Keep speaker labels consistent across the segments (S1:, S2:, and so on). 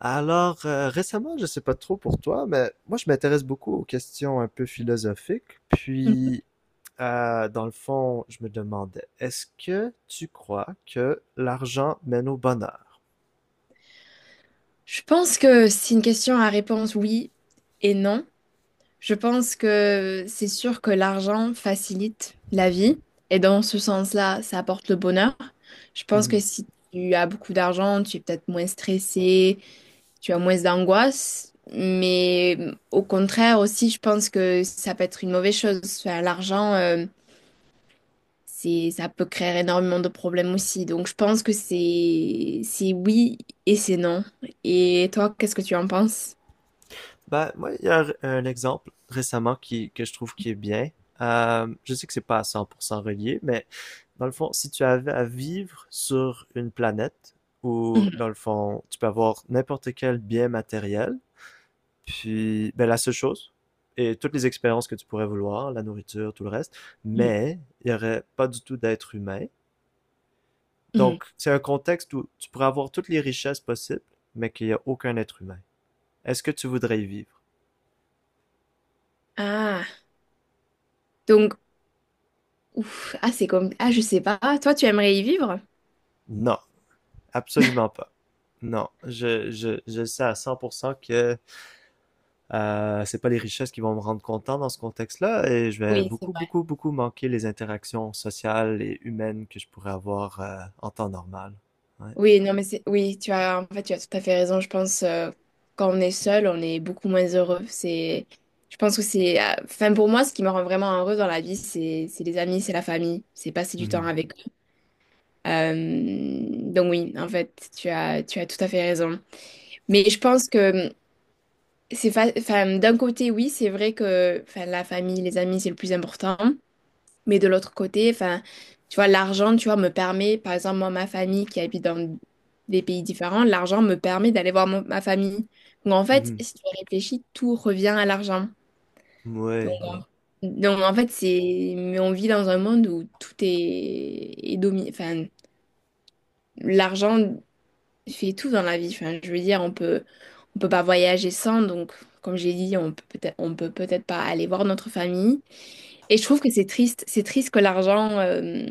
S1: Alors, récemment, je sais pas trop pour toi, mais moi, je m'intéresse beaucoup aux questions un peu philosophiques. Puis, dans le fond, je me demandais, est-ce que tu crois que l'argent mène au bonheur?
S2: Je pense que c'est une question à réponse oui et non. Je pense que c'est sûr que l'argent facilite la vie et dans ce sens-là, ça apporte le bonheur. Je pense que
S1: Mhm.
S2: si tu as beaucoup d'argent, tu es peut-être moins stressé, tu as moins d'angoisse, mais au contraire aussi, je pense que ça peut être une mauvaise chose. Enfin, l'argent, ça peut créer énormément de problèmes aussi. Donc, je pense que c'est oui et c'est non. Et toi, qu'est-ce que tu en penses?
S1: Ben, moi, il y a un exemple récemment que je trouve qui est bien. Je sais que c'est pas à 100% relié, mais dans le fond, si tu avais à vivre sur une planète où,
S2: Mhm,
S1: dans le fond, tu peux avoir n'importe quel bien matériel. Puis, ben, la seule chose, et toutes les expériences que tu pourrais vouloir, la nourriture, tout le reste,
S2: mhm,
S1: mais il n'y aurait pas du tout d'être humain.
S2: mhm.
S1: Donc, c'est un contexte où tu pourrais avoir toutes les richesses possibles, mais qu'il n'y a aucun être humain. Est-ce que tu voudrais y vivre?
S2: Ah, donc, ouf, ah, c'est comme, ah, je sais pas. Toi, tu aimerais y vivre?
S1: Non, absolument pas. Non, je sais à 100% que c'est pas les richesses qui vont me rendre content dans ce contexte-là, et je vais
S2: Oui, c'est
S1: beaucoup,
S2: vrai.
S1: beaucoup, beaucoup manquer les interactions sociales et humaines que je pourrais avoir en temps normal. Ouais.
S2: Oui, non, mais oui, en fait, tu as tout à fait raison. Je pense, quand on est seul, on est beaucoup moins heureux. Je pense que enfin, pour moi, ce qui me rend vraiment heureuse dans la vie, c'est les amis, c'est la famille, c'est passer du temps
S1: Mhm.
S2: avec eux. Euh, donc oui, en fait, tu as tout à fait raison. Mais je pense que enfin, d'un côté, oui, c'est vrai que enfin, la famille, les amis, c'est le plus important. Mais de l'autre côté, enfin, tu vois, l'argent, tu vois, me permet, par exemple, moi, ma famille qui habite dans des pays différents, l'argent me permet d'aller voir ma famille. Donc en fait,
S1: Mhm.
S2: si tu réfléchis, tout revient à l'argent. Donc,
S1: Ouais, ouais.
S2: donc, en fait, mais on vit dans un monde où tout est dominé enfin, l'argent. Il fait tout dans la vie. Enfin, je veux dire, on peut pas voyager sans. Donc, comme j'ai dit, on peut peut-être pas aller voir notre famille. Et je trouve que c'est triste. C'est triste que l'argent,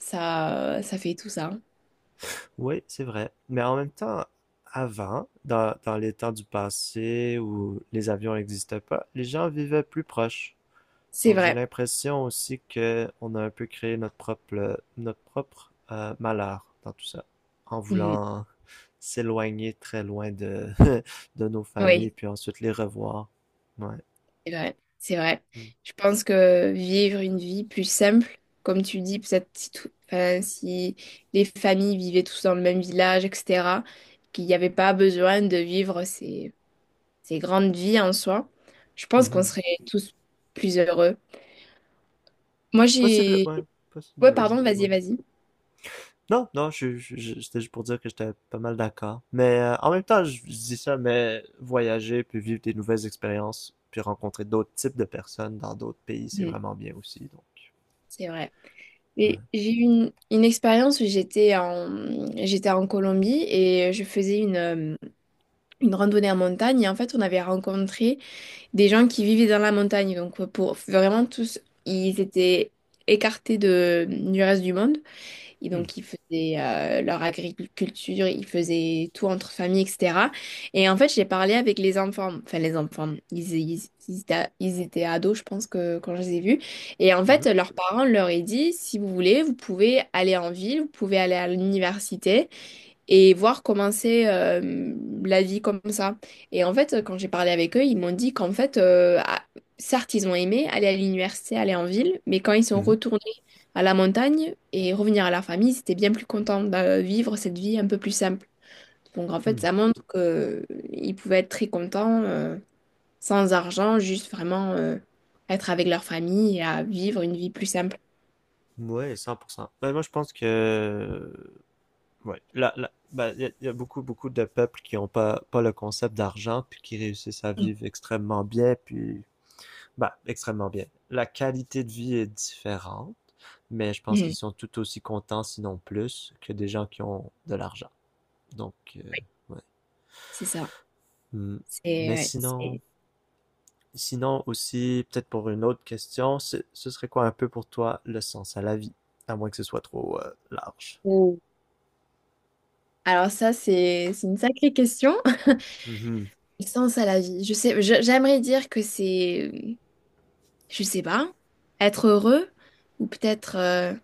S2: ça fait tout ça.
S1: Ouais, c'est vrai. Mais en même temps, avant, dans les temps du passé où les avions n'existaient pas, les gens vivaient plus proches.
S2: C'est
S1: Donc j'ai
S2: vrai.
S1: l'impression aussi que on a un peu créé notre propre, notre propre malheur dans tout ça, en
S2: Mhm.
S1: voulant s'éloigner très loin de, de nos familles,
S2: Oui,
S1: puis ensuite les revoir. Ouais.
S2: c'est vrai. C'est vrai. Je pense que vivre une vie plus simple, comme tu dis, peut-être si tout, enfin, si les familles vivaient tous dans le même village, etc., qu'il n'y avait pas besoin de vivre ces grandes vies en soi, je pense qu'on
S1: Mhm.
S2: serait tous plus heureux. Moi,
S1: Possible,
S2: j'ai...
S1: ouais,
S2: Ouais,
S1: possiblement.
S2: pardon,
S1: Ouais.
S2: vas-y, vas-y.
S1: Non, non, je c'était juste pour dire que j'étais pas mal d'accord. Mais en même temps, je dis ça, mais voyager, puis vivre des nouvelles expériences, puis rencontrer d'autres types de personnes dans d'autres pays, c'est
S2: Mhm,
S1: vraiment bien aussi. Donc,
S2: c'est vrai. Et
S1: ouais.
S2: j'ai eu une expérience où j'étais en Colombie et je faisais une randonnée en montagne. Et en fait, on avait rencontré des gens qui vivaient dans la montagne. Donc, pour vraiment tous, ils étaient écartés du reste du monde. Et
S1: Hmm.
S2: donc, ils faisaient leur agriculture, ils faisaient tout entre famille, etc. Et en fait, j'ai parlé avec les enfants, enfin les enfants, ils étaient ados, je pense, que, quand je les ai vus. Et en fait,
S1: Mhm.
S2: leurs parents leur ont dit, si vous voulez, vous pouvez aller en ville, vous pouvez aller à l'université et voir commencer la vie comme ça. Et en fait, quand j'ai parlé avec eux, ils m'ont dit qu'en fait, ah, certes, ils ont aimé aller à l'université, aller en ville, mais quand ils sont
S1: Mhm.
S2: retournés à la montagne et revenir à leur famille, ils étaient bien plus contents de vivre cette vie un peu plus simple. Donc en fait, ça montre qu'ils pouvaient être très contents, sans argent, juste vraiment être avec leur famille et à vivre une vie plus simple.
S1: Hmm. Ouais, 100%. Ben, moi, je pense que, ouais, ben, il y a beaucoup, beaucoup de peuples qui ont pas le concept d'argent, puis qui réussissent à
S2: Mhm.
S1: vivre extrêmement bien, puis bah, extrêmement bien. La qualité de vie est différente, mais je pense qu'ils
S2: Mhm.
S1: sont tout aussi contents, sinon plus, que des gens qui ont de l'argent. Donc,
S2: Oui,
S1: ouais.
S2: c'est ça.
S1: Mm.
S2: C'est
S1: Mais
S2: ouais,
S1: sinon,
S2: c'est-
S1: sinon aussi, peut-être pour une autre question, ce serait quoi un peu pour toi le sens à la vie? À moins que ce soit trop large.
S2: Alors ça, c'est une sacrée question.
S1: Mhm.
S2: Le sens à la vie. Je sais, j'aimerais dire que c'est, je sais pas, être heureux ou peut-être,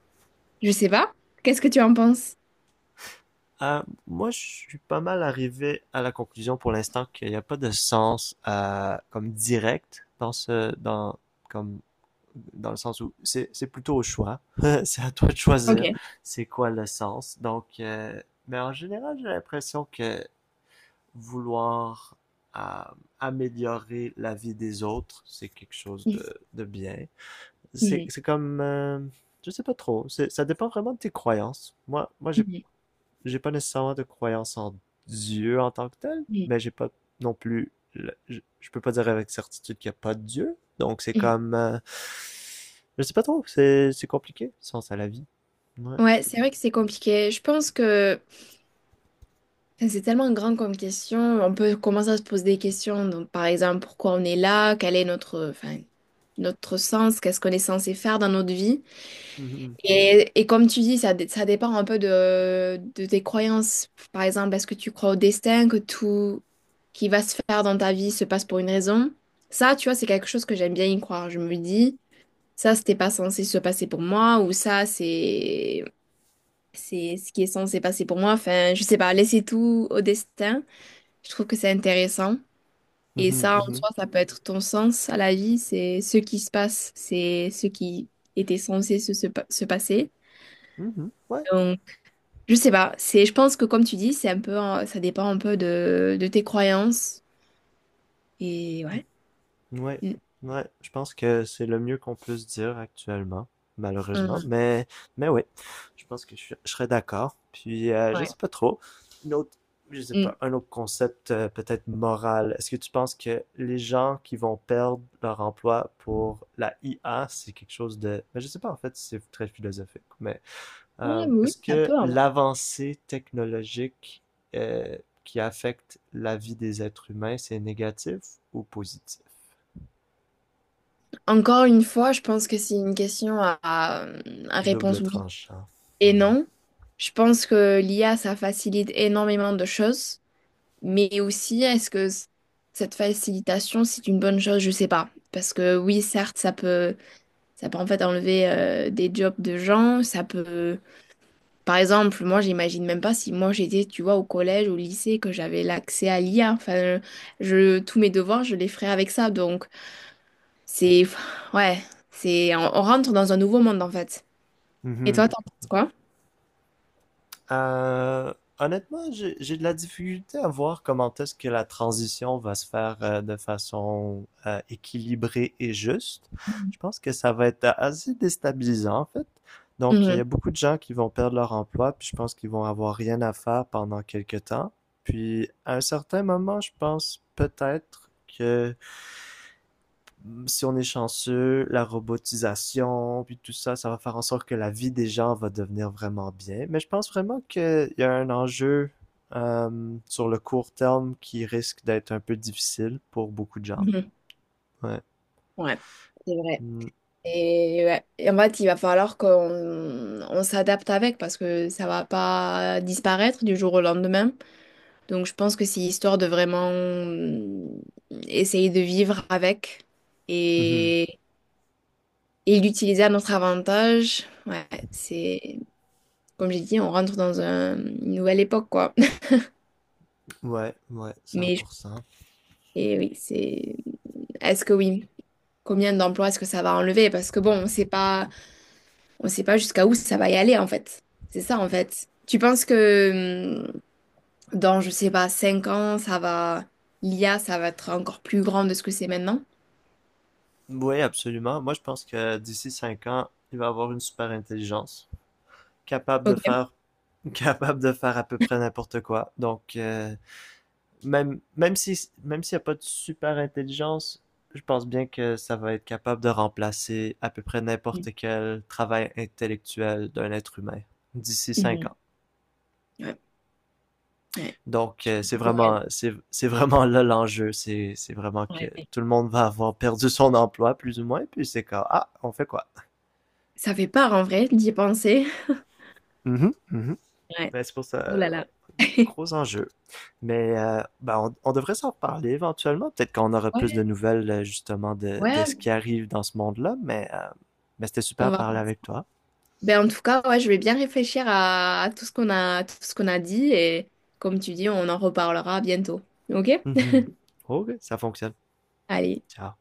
S2: je sais pas. Qu'est-ce que tu en penses?
S1: Moi, je suis pas mal arrivé à la conclusion pour l'instant qu'il n'y a pas de sens comme direct dans ce, dans, comme dans le sens où c'est plutôt au choix. C'est à toi de
S2: Ok.
S1: choisir c'est quoi le sens. Donc, mais en général, j'ai l'impression que vouloir euh, améliorer la vie des autres, c'est quelque chose de bien.
S2: Mhm,
S1: C'est
S2: mhm,
S1: c'est comme, je sais pas trop, ça dépend vraiment de tes croyances. Moi,
S2: mhm,
S1: j'ai pas nécessairement de croyance en Dieu en tant que tel,
S2: mhm,
S1: mais j'ai pas non plus. Je peux pas dire avec certitude qu'il y a pas de Dieu. Donc c'est
S2: mhm.
S1: comme. Je sais pas trop, c'est compliqué, sens à la vie. Ouais.
S2: Ouais, c'est vrai que c'est compliqué. Je pense que enfin, c'est tellement grand comme question. On peut commencer à se poser des questions. Donc, par exemple, pourquoi on est là? Quel est notre, enfin, notre sens? Qu'est-ce qu'on est censé faire dans notre vie?
S1: Mhm,
S2: Et comme tu dis, ça, ça dépend un peu de tes croyances. Par exemple, est-ce que tu crois au destin, que tout qui va se faire dans ta vie se passe pour une raison? Ça, tu vois, c'est quelque chose que j'aime bien y croire. Je me dis, ça, c'était pas censé se passer pour moi, ou ça, c'est ce qui est censé passer pour moi. Enfin, je sais pas, laisser tout au destin, je trouve que c'est intéressant. Et
S1: mhm,
S2: ça, en
S1: mhm.
S2: soi, ça peut être ton sens à la vie, c'est ce qui se passe, c'est ce qui était censé se passer.
S1: Mhm. Ouais.
S2: Je sais pas, je pense que comme tu dis, c'est un peu, ça dépend un peu de tes croyances. Et ouais.
S1: Ouais,
S2: Mm.
S1: ouais, je pense que c'est le mieux qu'on puisse dire actuellement, malheureusement,
S2: Mm.
S1: mais ouais, je pense que je serais d'accord. Puis je
S2: Ouais.
S1: sais pas trop, une autre, je sais
S2: Mm.
S1: pas, un autre concept peut-être moral. Est-ce que tu penses que les gens qui vont perdre leur emploi pour la IA, c'est quelque chose de, ben, je sais pas en fait, c'est très philosophique, mais
S2: Ouais, oui,
S1: est-ce
S2: ça
S1: que
S2: peut, hein.
S1: l'avancée technologique euh, qui affecte la vie des êtres humains, c'est négatif ou positif?
S2: Encore une fois, je pense que c'est une question à
S1: Double
S2: réponse oui
S1: tranchant.
S2: et non. Je pense que l'IA, ça facilite énormément de choses, mais aussi, est-ce que cette facilitation, c'est une bonne chose? Je sais pas. Parce que oui, certes, ça peut en fait enlever des jobs de gens, ça peut. Par exemple, moi, j'imagine même pas si moi j'étais, tu vois, au collège, au lycée, que j'avais l'accès à l'IA. Enfin, tous mes devoirs, je les ferais avec ça. Donc, c'est, ouais, on rentre dans un nouveau monde en fait. Et
S1: Mhm.
S2: toi, t'en penses quoi?
S1: Euh, Honnêtement, j'ai de la difficulté à voir comment est-ce que la transition va se faire de façon équilibrée et juste. Je pense que ça va être assez déstabilisant, en fait. Donc, il y
S2: Mhm.
S1: a beaucoup de gens qui vont perdre leur emploi, puis je pense qu'ils vont avoir rien à faire pendant quelque temps. Puis, à un certain moment, je pense peut-être que si on est chanceux, la robotisation, puis tout ça, ça va faire en sorte que la vie des gens va devenir vraiment bien. Mais je pense vraiment qu'il y a un enjeu sur le court terme qui risque d'être un peu difficile pour beaucoup de gens.
S2: Mhm.
S1: Ouais.
S2: Ouais, c'est vrai.
S1: Mm.
S2: Et, ouais. Et en fait, il va falloir qu'on s'adapte avec parce que ça va pas disparaître du jour au lendemain. Donc, je pense que c'est histoire de vraiment essayer de vivre avec.
S1: Mhm.
S2: et et l'utiliser à notre avantage. Ouais, c'est, comme j'ai dit, on rentre dans une nouvelle époque, quoi.
S1: Ouais, ouais,
S2: Mais
S1: 100%.
S2: et oui, c'est. Est-ce que oui? Combien d'emplois est-ce que ça va enlever? Parce que bon, on sait pas jusqu'à où ça va y aller en fait. C'est ça en fait. Tu penses que dans, je sais pas, 5 ans, ça va, l'IA, ça va être encore plus grand de ce que c'est maintenant?
S1: Oui, absolument. Moi, je pense que d'ici 5 ans, il va y avoir une super intelligence capable de
S2: Ok.
S1: faire capable de faire à peu près n'importe quoi. Donc, même s'il n'y a pas de super intelligence, je pense bien que ça va être capable de remplacer à peu près
S2: Mhm.
S1: n'importe quel travail intellectuel d'un être humain d'ici cinq
S2: Mhm.
S1: ans.
S2: Ouais, ouais.
S1: Donc,
S2: Je pense que tu as raison.
S1: c'est vraiment là l'enjeu. C'est vraiment que
S2: Ouais.
S1: tout le monde va avoir perdu son emploi, plus ou moins, puis c'est quand, ah, on fait quoi?
S2: Ça fait peur en vrai d'y penser.
S1: Mhm, mhm.
S2: Ouais.
S1: Mais c'est pour ça,
S2: Oh là là.
S1: ouais. Gros enjeu. Mais ben, on devrait s'en reparler éventuellement. Peut-être qu'on aura plus de
S2: Ouais.
S1: nouvelles justement de
S2: Ouais,
S1: ce qui arrive dans ce monde-là. Mais c'était super
S2: on
S1: de
S2: va
S1: parler
S2: penser.
S1: avec toi.
S2: Ben, en tout cas, ouais, je vais bien réfléchir à tout ce qu'on a, tout ce qu'on a dit et comme tu dis, on en reparlera bientôt. Ok?
S1: Mhm. Ok, ça fonctionne.
S2: Allez.
S1: Ciao.